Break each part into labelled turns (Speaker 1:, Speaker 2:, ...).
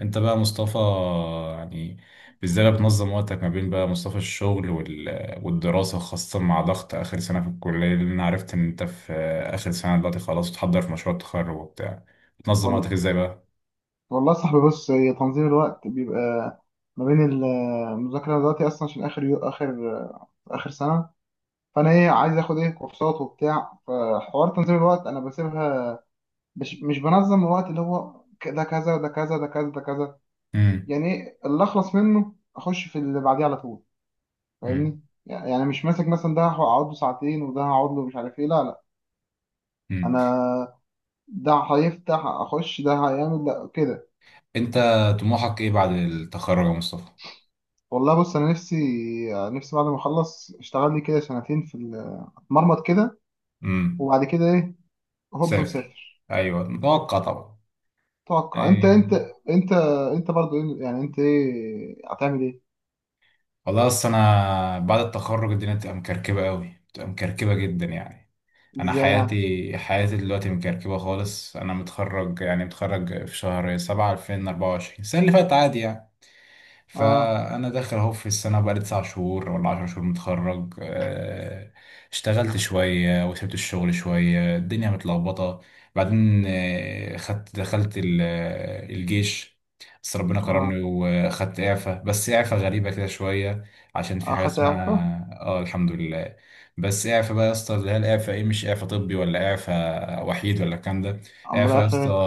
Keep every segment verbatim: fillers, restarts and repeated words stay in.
Speaker 1: انت بقى مصطفى، يعني ازاي بقى بتنظم وقتك ما بين بقى مصطفى الشغل وال... والدراسة، خاصة مع ضغط آخر سنة في الكلية، لأن أنا عرفت إن أنت في آخر سنة دلوقتي خلاص، بتحضر في مشروع التخرج وبتاع. بتنظم وقتك
Speaker 2: وال-
Speaker 1: ازاي بقى؟
Speaker 2: والله يا صاحبي، بص، هي تنظيم الوقت بيبقى ما بين ال- المذاكرة دلوقتي أصلا عشان آخر يو آخر آخر سنة. فأنا إيه عايز آخد إيه كورسات وبتاع، فحوار تنظيم الوقت أنا بسيبها. مش مش بنظم الوقت، اللي هو ك- ده كذا، ده كذا، ده كذا، ده كذا،
Speaker 1: امم.
Speaker 2: يعني إيه اللي أخلص منه أخش في اللي بعديه على طول.
Speaker 1: امم.
Speaker 2: فاهمني؟ يعني مش ماسك مثلا ده هقعد له ساعتين وده هقعد له مش عارف إيه. لا، لا،
Speaker 1: امم.
Speaker 2: أنا ده هيفتح أخش، ده هيعمل ده كده.
Speaker 1: أنت طموحك ايه بعد التخرج يا مصطفى؟
Speaker 2: والله بص، انا نفسي نفسي بعد ما اخلص اشتغل لي كده سنتين في ال- اتمرمط كده،
Speaker 1: امم.
Speaker 2: وبعد كده ايه، هوب
Speaker 1: سافر،
Speaker 2: مسافر.
Speaker 1: أيوه متوقع طبعا.
Speaker 2: توقع انت
Speaker 1: ايه.
Speaker 2: انت انت انت برضو. إيه- يعني انت ايه هتعمل ايه؟
Speaker 1: والله أصل أنا بعد التخرج الدنيا بتبقى مكركبة أوي، بتبقى مكركبة جدا يعني. انا
Speaker 2: ازاي يعني؟
Speaker 1: حياتي حياتي دلوقتي مكركبه خالص. انا متخرج، يعني متخرج في شهر سبعة ألفين وأربعة وعشرين، السنه اللي فاتت عادي يعني.
Speaker 2: اه،
Speaker 1: فانا داخل اهو في السنه، بقالي تسع شهور ولا عشر شهور متخرج، آه، اشتغلت شويه وسبت الشغل شويه، الدنيا متلخبطه. بعدين آه، خدت دخلت ال- آه، الجيش، بس ربنا كرمني
Speaker 2: اه،
Speaker 1: واخدت اعفاء، بس اعفاء غريبه كده شويه. عشان في حاجه
Speaker 2: اخدت
Speaker 1: اسمها
Speaker 2: اعفاء.
Speaker 1: اه الحمد لله. بس اعفاء بقى يا اسطى، اللي هي الاعفاء ايه، مش اعفاء طبي ولا اعفاء وحيد ولا الكلام ده.
Speaker 2: امال
Speaker 1: اعفى يا
Speaker 2: اعفاء
Speaker 1: اسطى
Speaker 2: ايه؟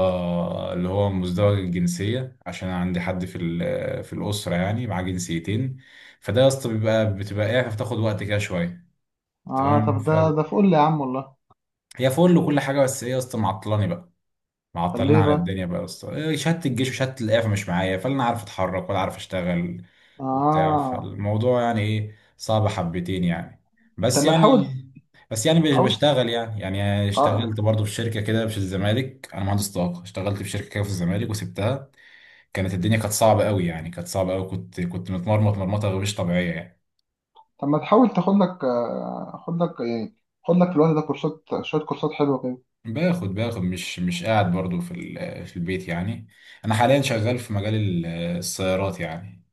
Speaker 1: اللي هو مزدوج الجنسية، عشان أنا عندي حد في ال- في الأسرة يعني معاه جنسيتين. فده يا اسطى بيبقى بتبقى اعفى بتاخد وقت كده شوية.
Speaker 2: اه،
Speaker 1: تمام.
Speaker 2: طب
Speaker 1: ف-
Speaker 2: ده ده فل يا عم والله.
Speaker 1: هي فل وكل حاجة، بس ايه يا اسطى، معطلاني بقى،
Speaker 2: طب
Speaker 1: معطلين
Speaker 2: ليه
Speaker 1: عن
Speaker 2: بقى؟
Speaker 1: الدنيا بقى يا اسطى. إيه، شهاده الجيش وشهاده الاعفاء مش معايا، فلا انا عارف اتحرك ولا عارف اشتغل وبتاع.
Speaker 2: اه،
Speaker 1: فالموضوع يعني ايه، صعب حبتين يعني.
Speaker 2: طب
Speaker 1: بس
Speaker 2: ما
Speaker 1: يعني.
Speaker 2: تحاول.
Speaker 1: بس يعني بش-
Speaker 2: حاول.
Speaker 1: بشتغل يعني، يعني
Speaker 2: اه،
Speaker 1: اشتغلت برضه في شركه كده في الزمالك، انا مهندس طاقه، اشتغلت في شركه كده في الزمالك وسبتها. كانت الدنيا كانت صعبه قوي يعني، كانت صعبه قوي، كنت كنت متمرمط مرمطه مش طبيعيه يعني.
Speaker 2: طب ما تحاول تاخد لك، آه، خد لك يعني، خد لك في الوقت ده كورسات، شويه كورسات حلوه كده.
Speaker 1: باخد باخد مش مش قاعد برضه في ال- في البيت يعني. انا حاليا شغال في مجال ال- السيارات يعني.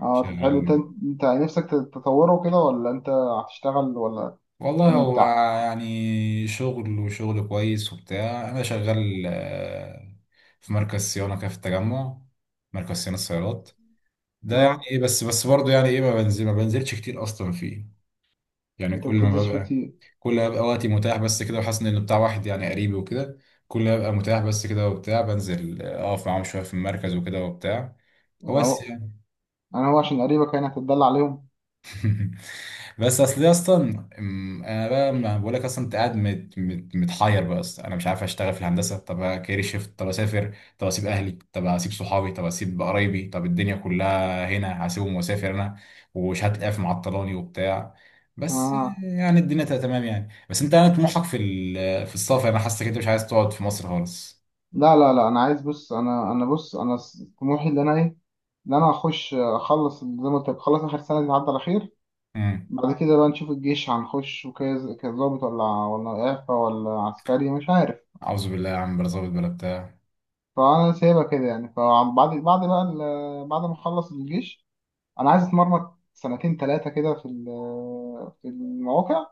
Speaker 2: اه، طب حلو، انت،
Speaker 1: شغال.
Speaker 2: انت نفسك تطوره كده ولا انت هتشتغل، ولا
Speaker 1: والله
Speaker 2: يعني انت؟
Speaker 1: هو يعني شغل وشغل كويس وبتاع، انا شغال، آه، في مركز صيانه كده في التجمع، مركز صيانه السيارات ده يعني
Speaker 2: اه،
Speaker 1: ايه. بس بس برضه يعني ايه، ما بنزل ما بنزلش كتير اصلا فيه. يعني
Speaker 2: انت ما
Speaker 1: كل ما
Speaker 2: بتنزلش فيه
Speaker 1: ببقى،
Speaker 2: كتير؟
Speaker 1: كل ما ببقى وقتي متاح بس كده، وحاسس ان اللي بتاع واحد يعني قريبي وكده. كل ما ببقى متاح بس كده وبتاع، بنزل آه، اقف معاهم شويه في المركز وكده وبتاع. هو
Speaker 2: يعني
Speaker 1: بس.
Speaker 2: هو، انا هو عشان قريبك يعني هتتدلع عليهم؟
Speaker 1: بس اصل يا اسطى، أم، انا بقى ما بقول لك اصلا، انت قاعد مت مت متحير بقى اصلا. انا مش عارف اشتغل في الهندسه، طب كارير شيفت، طب اسافر، طب اسيب اهلي، طب اسيب صحابي، طب اسيب قرايبي، طب الدنيا كلها هنا هسيبهم واسافر انا، وشهاده اف معطلاني وبتاع. بس
Speaker 2: اه،
Speaker 1: يعني الدنيا تبقى تمام يعني، بس انت، انا طموحك في ال- في السفر، انا حاسسك انت مش عايز تقعد في مصر خالص.
Speaker 2: لا، لا، لا، انا عايز، بص، انا انا بص، انا س- طموحي، اللي انا ايه اللي انا هخش اخلص زي ما قلت لك، اخلص اخر سنه دي تعدي على خير.
Speaker 1: امم.
Speaker 2: بعد كده بقى نشوف الجيش، هنخش وكذا كظابط ولا ولا اعفاء ولا عسكري مش عارف.
Speaker 1: اعوذ بالله يا عم، بلا ظابط بلا بتاع.
Speaker 2: فانا سايبها كده يعني. فبعد بعد بقى ال- بعد ما اخلص الجيش، انا عايز اتمرمط سنتين ثلاثه كده في ال- في المواقع.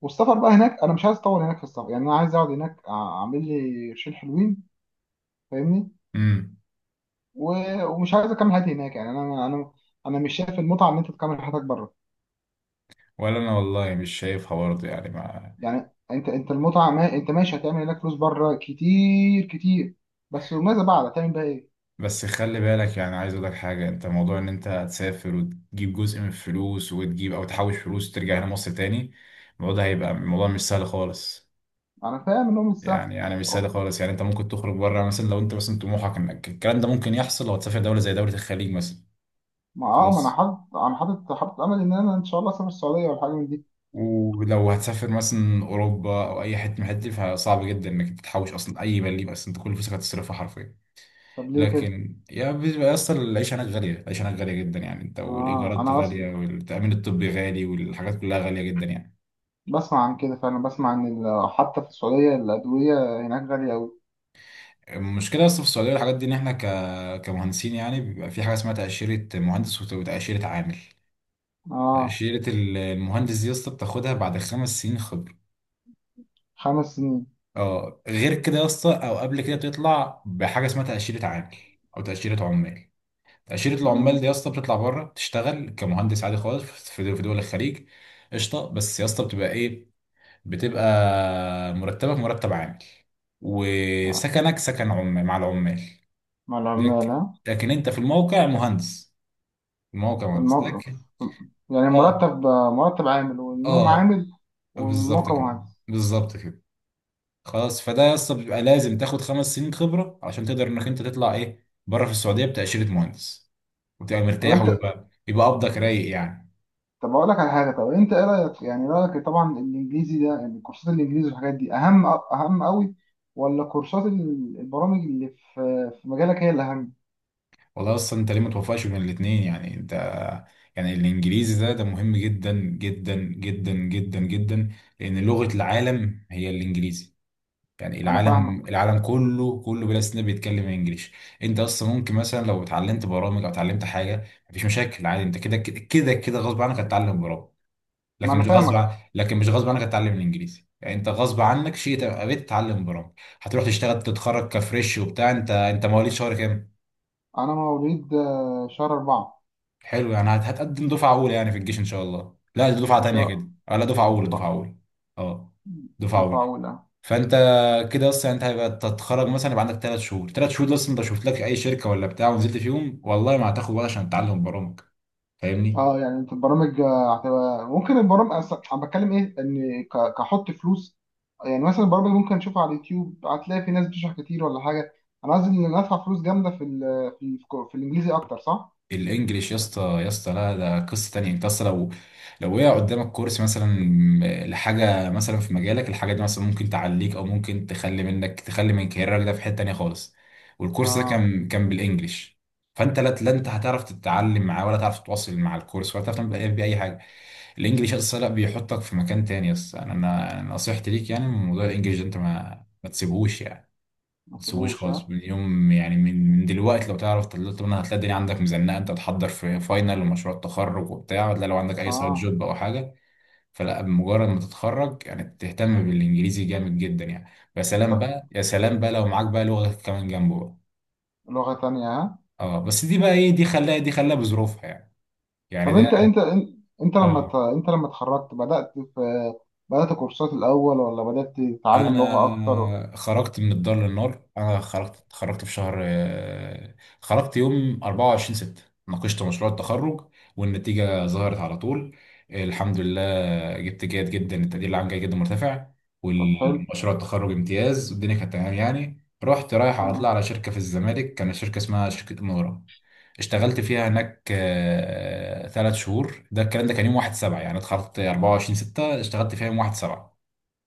Speaker 2: والسفر بقى هناك، انا مش عايز اطول هناك في السفر، يعني انا عايز اقعد هناك أع- اعمل لي قرشين حلوين. فاهمني؟
Speaker 1: امم.
Speaker 2: و- ومش عايز اكمل حياتي هناك، يعني انا، انا انا مش شايف المتعه ان انت تكمل حياتك بره.
Speaker 1: ولا انا والله مش شايفها برضه يعني ما.
Speaker 2: يعني انت انت المتعه، ما انت ماشي هتعمل هناك فلوس بره كتير كتير، بس وماذا بعد؟ هتعمل بقى ايه؟
Speaker 1: بس خلي بالك يعني، عايز اقول لك حاجه، انت موضوع ان انت تسافر وتجيب جزء من الفلوس، وتجيب او تحوش فلوس وترجع هنا مصر تاني، الموضوع ده هيبقى الموضوع مش سهل خالص.
Speaker 2: انا فاهم انهم مش سهل.
Speaker 1: يعني انا مش سهل خالص يعني، انت ممكن تخرج بره مثلا، لو انت مثلا طموحك انك الكلام ده ممكن يحصل لو هتسافر دوله زي دوله الخليج مثلا،
Speaker 2: ما اه ما انا
Speaker 1: خلاص.
Speaker 2: حاطط انا حاطط حاطط امل ان انا ان شاء الله اسافر السعوديه ولا حاجه من دي.
Speaker 1: ولو هتسافر مثلا اوروبا او اي حته من الحتت دي، فصعب جدا انك تحوش اصلا اي مليم، اصلا انت كل فلوسك هتصرفها حرفيا.
Speaker 2: طب ليه كده؟
Speaker 1: لكن يا بيبقى اصلا العيشه هناك غاليه، العيشه هناك غاليه جدا يعني، انت
Speaker 2: اه
Speaker 1: والايجارات
Speaker 2: انا
Speaker 1: غاليه والتامين الطبي غالي والحاجات كلها غاليه جدا يعني.
Speaker 2: بسمع عن كده فعلا، بسمع عن ال- حتى في السعودية الأدوية هناك غالية أوي.
Speaker 1: المشكله اصلا في السعوديه والحاجات دي، ان احنا ك... كمهندسين يعني بيبقى في حاجه اسمها تاشيره مهندس وت- وتاشيره عامل.
Speaker 2: آه.
Speaker 1: تاشيره ال- المهندس دي يا اسطى بتاخدها بعد خمس سنين خبره.
Speaker 2: خمس سنين.
Speaker 1: اه غير كده يا اسطى او قبل كده، بتطلع بحاجه اسمها تاشيره عامل او تاشيره عمال. تاشيره العمال
Speaker 2: مم.
Speaker 1: دي يا اسطى بتطلع بره تشتغل كمهندس عادي خالص في في دول الخليج. قشطه. بس يا اسطى بتبقى ايه، بتبقى مرتبك مرتب عامل،
Speaker 2: آه.
Speaker 1: وسكنك سكن عمال مع العمال.
Speaker 2: مع العمال،
Speaker 1: لكن،
Speaker 2: ها؟
Speaker 1: لكن انت في الموقع مهندس، الموقع مهندس
Speaker 2: المو...
Speaker 1: لكن.
Speaker 2: يعني
Speaker 1: اه.
Speaker 2: مرتب، مرتب عامل والنوم
Speaker 1: اه.
Speaker 2: عامل
Speaker 1: بالظبط
Speaker 2: والموقع
Speaker 1: كده،
Speaker 2: عامل.
Speaker 1: بالظبط كده. خلاص، فده اصلا بيبقى لازم تاخد خمس سنين خبره عشان تقدر انك انت تطلع ايه بره في السعوديه بتاشيره مهندس، وتبقى
Speaker 2: طب
Speaker 1: مرتاح
Speaker 2: أنت
Speaker 1: ويبقى يبقى قبضك رايق يعني.
Speaker 2: طب أقول لك على حاجة، طب أنت إيه رأيك، يعني رأيك طبعا الإنجليزي ده يعني، كورسات الإنجليزي والحاجات دي أهم، أهم أوي؟ ولا كورسات ال- البرامج اللي في في مجالك هي اللي أهم؟
Speaker 1: والله اصلا انت ليه ما توفقش بين الاثنين، يعني انت يعني، الانجليزي ده ده مهم جدا جدا جدا جدا جدا، لان لغة العالم هي الانجليزي، يعني
Speaker 2: أنا فاهمك.
Speaker 1: العالم العالم كله كله بلا استثناء بيتكلم انجليش. انت اصلا ممكن مثلا لو اتعلمت برامج او اتعلمت حاجة، مفيش مشاكل عادي، انت كده كده كده كده غصب عنك هتتعلم برامج،
Speaker 2: ما
Speaker 1: لكن
Speaker 2: أنا
Speaker 1: مش غصب
Speaker 2: فاهمك.
Speaker 1: عن... لكن مش غصب عنك هتتعلم الانجليزي. يعني انت غصب عنك شيء تبقى بتتعلم برامج. هتروح تشتغل تتخرج كفريش وبتاع، انت انت مواليد شهر كام؟
Speaker 2: أنا مواليد، آه، شهر أربعة.
Speaker 1: حلو يعني هت- هتقدم دفعه اولى يعني في الجيش ان شاء الله. لا، دي دفعه
Speaker 2: إن
Speaker 1: تانيه
Speaker 2: شاء
Speaker 1: كده، آه، لا دفعه اولى دفعه
Speaker 2: الله.
Speaker 1: اولى، اه دفعه اولى.
Speaker 2: مفعولة.
Speaker 1: فانت كده اصلا انت هيبقى تتخرج مثلا يبقى عندك ثلاث شهور، ثلاث شهور ده اصلا انت شوف لك اي شركه ولا بتاع ونزلت فيهم، والله ما هتاخد وقت عشان تتعلم برامج، فاهمني.
Speaker 2: اه يعني انت البرامج آه، هتبقى، ممكن البرامج أصلاً انا بتكلم ايه ان ك- كحط فلوس. يعني مثلا البرامج ممكن نشوفها على اليوتيوب، هتلاقي في ناس بتشرح كتير ولا حاجة. انا قصدي ان ندفع فلوس جامدة في ال، في, ال في الانجليزي اكتر، صح؟
Speaker 1: الانجليش يا اسطى، يا اسطى لا ده قصه تانية، انت اصلا لو لو وقع قدامك كورس مثلا لحاجه مثلا في مجالك، الحاجه دي مثلا ممكن تعليك او ممكن تخلي منك، تخلي من كاريرك ده في حته تانية خالص، والكورس ده
Speaker 2: اه.
Speaker 1: كان كان بالانجليش، فانت لا لا انت هتعرف تتعلم معاه ولا تعرف تتواصل مع الكورس ولا تعرف تعمل باي حاجه. الانجليش اصلا لا بيحطك في مكان تاني يا اسطى. انا انا أنا نصيحتي ليك يعني من موضوع الانجليش ده، انت ما ما تسيبهوش يعني،
Speaker 2: ما
Speaker 1: تسويش
Speaker 2: سيبوش،
Speaker 1: خالص
Speaker 2: ها؟
Speaker 1: اليوم، يعني من من دلوقتي، لو تعرف تطلع منها، هتلاقي الدنيا عندك مزنقه انت تحضر في فاينل ومشروع تخرج وبتاع، لا لو عندك اي سايد
Speaker 2: اه،
Speaker 1: جوب او حاجه، فلا بمجرد ما تتخرج يعني تهتم بالانجليزي جامد جدا يعني. يا سلام
Speaker 2: طب
Speaker 1: بقى، يا سلام بقى لو معاك بقى لغه كمان جنبه بقى.
Speaker 2: لغة تانية، ها؟
Speaker 1: اه بس دي بقى ايه، دي خلاها دي خلاها بظروفها يعني. يعني
Speaker 2: طب انت
Speaker 1: ده
Speaker 2: انت انت, انت لما ت-
Speaker 1: اه.
Speaker 2: انت لما اتخرجت، بدأت في بدأت كورسات الاول ولا بدأت تتعلم لغة اكتر؟
Speaker 1: انا خرجت من الدار للنار، انا خرجت خرجت في شهر آه، خرجت يوم أربعة وعشرين ستة. ناقشت مشروع التخرج، والنتيجه ظهرت على طول، الحمد لله. جبت جيد جدا، التقدير العام جيد جدا مرتفع،
Speaker 2: طب حلو.
Speaker 1: والمشروع التخرج امتياز، والدنيا كانت تمام يعني. رحت رايح على طلع
Speaker 2: تمام.
Speaker 1: على شركه في الزمالك، كانت شركه اسمها شركه منورة، اشتغلت فيها هناك آه، ثلاث شهور. ده الكلام ده كان يوم واحد سبعة، يعني اتخرجت أربعة وعشرين ستة اشتغلت فيها يوم واحد سبعة.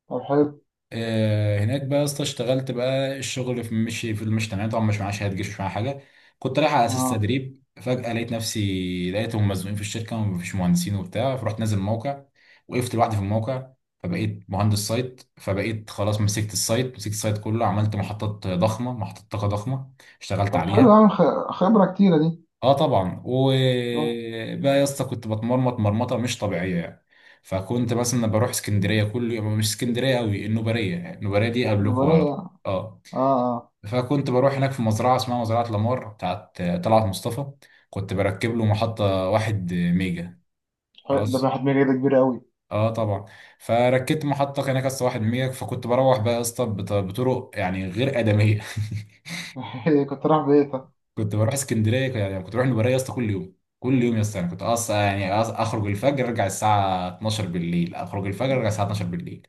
Speaker 2: طب حلو.
Speaker 1: آه، هناك بقى يا اسطى اشتغلت بقى، الشغل في مشي في المشي تمام طبعا، مش معايا شهاده جيش مش معايا حاجه، كنت رايح على اساس
Speaker 2: اه،
Speaker 1: تدريب، فجاه لقيت نفسي لقيتهم مزنوقين في الشركه ومفيش مهندسين وبتاع، فرحت نازل الموقع، وقفت لوحدي في الموقع. فبقيت مهندس سايت، فبقيت خلاص مسكت السايت، مسكت السايت كله، عملت محطات ضخمه، محطات طاقه ضخمه، اشتغلت
Speaker 2: طب حلو،
Speaker 1: عليها.
Speaker 2: يعني خ- خبرة كتيرة دي.
Speaker 1: اه طبعا،
Speaker 2: اه.
Speaker 1: وبقى يا اسطى كنت بتمرمط مرمطه مش طبيعيه يعني. فكنت مثلا بروح اسكندريه كل يوم، مش اسكندريه قوي النوباريه، يعني النوباريه دي قبلكم على
Speaker 2: نورية.
Speaker 1: طول. اه.
Speaker 2: اه، اه.
Speaker 1: فكنت بروح هناك في مزرعه اسمها مزرعه لامار بتاعت طلعت مصطفى، كنت بركب له محطه واحد ميجا،
Speaker 2: حلو، ده
Speaker 1: خلاص.
Speaker 2: راحت مني، ده كبيرة أوي.
Speaker 1: اه طبعا، فركبت محطه هناك يا اسطى واحد ميجا. فكنت بروح بقى يا اسطى بط- بطرق يعني غير ادميه.
Speaker 2: كنت رايح بيتك.
Speaker 1: كنت بروح اسكندريه ك- يعني كنت بروح البريه يا اسطى كل يوم، كل يوم يا اسطى يعني، كنت اصلا يعني أص- اخرج الفجر ارجع الساعه اتناشر بالليل، اخرج الفجر ارجع
Speaker 2: ده،
Speaker 1: الساعه اتناشر بالليل.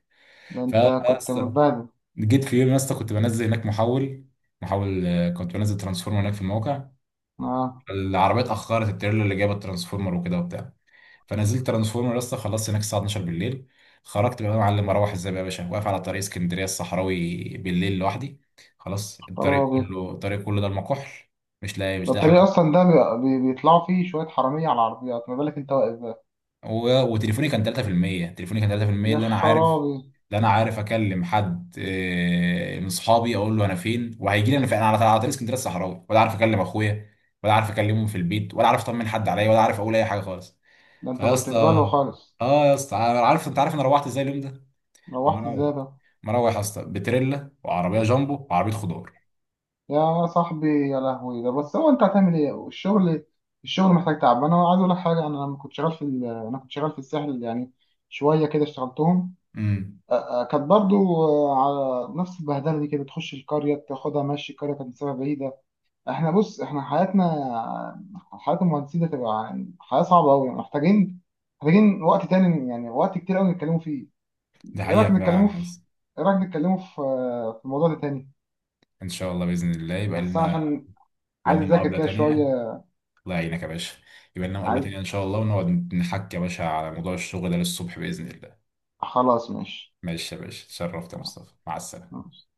Speaker 2: ده أنت
Speaker 1: فيا
Speaker 2: كنت
Speaker 1: اسطى
Speaker 2: متبهدل.
Speaker 1: جيت في يوم يا اسطى، كنت بنزل هناك محول، محول آه، كنت بنزل ترانسفورمر هناك في الموقع،
Speaker 2: اه،
Speaker 1: العربيه اتاخرت، التريلا اللي جايبه الترانسفورمر وكده وبتاع، فنزلت ترانسفورمر يا اسطى، خلصت هناك الساعه اتناشر بالليل. خرجت بقى يا معلم، اروح ازاي بقى يا باشا، واقف على طريق اسكندريه الصحراوي بالليل لوحدي، خلاص، الطريق
Speaker 2: خرابي.
Speaker 1: كله، الطريق كله ده المكحل، مش لاقي،
Speaker 2: ده
Speaker 1: مش لاقي حاجه.
Speaker 2: الطريق أصلا ده بي- بي- بيطلعوا فيه شوية حرامية على العربيات، ما بالك أنت واقف بقى.
Speaker 1: و- وتليفوني كان ثلاثة في المية، تليفوني كان ثلاثة بالمية
Speaker 2: يا
Speaker 1: اللي انا عارف،
Speaker 2: خرابي.
Speaker 1: اللي انا عارف اكلم حد آه، من صحابي اقول له انا فين وهيجي لي انا فين. انا على على طريق اسكندريه الصحراوي، ولا عارف اكلم اخويا، ولا عارف اكلمهم في البيت، ولا عارف اطمن حد عليا، ولا عارف اقول اي حاجه خالص.
Speaker 2: ده أنت
Speaker 1: فيا
Speaker 2: كنت في
Speaker 1: اسطى
Speaker 2: بالو خالص.
Speaker 1: اه يا اسطى، انا عارف انت عارف انا روحت ازاي اليوم ده،
Speaker 2: روحت
Speaker 1: مروح
Speaker 2: إزاي ده؟
Speaker 1: مروح يا اسطى بتريلا وعربيه جامبو وعربيه خضار.
Speaker 2: يا صاحبي، يا لهوي، ده بس، هو أنت هتعمل إيه الشغل؟ الشغل محتاج تعب. أنا عايز أقول لك حاجة، أنا لما كنت شغال في ال... أنا كنت شغال في الساحل، يعني شوية كده اشتغلتهم.
Speaker 1: امم.
Speaker 2: آه، آه، كانت برضو آه، على نفس البهدله دي كده، تخش القريه تاخدها ماشي، القريه كانت مسافه بعيده. احنا بص، احنا حياتنا، حياه المهندسين ده تبقى يعني حياه صعبه قوي. محتاجين محتاجين وقت تاني يعني، وقت كتير قوي نتكلموا فيه.
Speaker 1: دي
Speaker 2: ايه رايك
Speaker 1: حقيقه
Speaker 2: نتكلموا
Speaker 1: فعلا يا
Speaker 2: في
Speaker 1: اسطى.
Speaker 2: ايه رايك نتكلموا في آه، في الموضوع ده تاني؟
Speaker 1: ان شاء الله باذن الله يبقى
Speaker 2: بس انا
Speaker 1: لنا،
Speaker 2: عشان
Speaker 1: يبقى
Speaker 2: عايز
Speaker 1: لنا
Speaker 2: اذاكر
Speaker 1: مقابله
Speaker 2: كده شويه.
Speaker 1: تانيه. الله يعينك يا باشا. يبقى لنا مقابلة
Speaker 2: عايز،
Speaker 1: تانية إن شاء الله، ونقعد نحكي يا باشا على موضوع الشغل ده للصبح بإذن الله.
Speaker 2: خلاص ماشي.
Speaker 1: ماشي يا باشا، اتشرفت يا
Speaker 2: آه،
Speaker 1: مصطفى، مع السلامة.
Speaker 2: ماشي.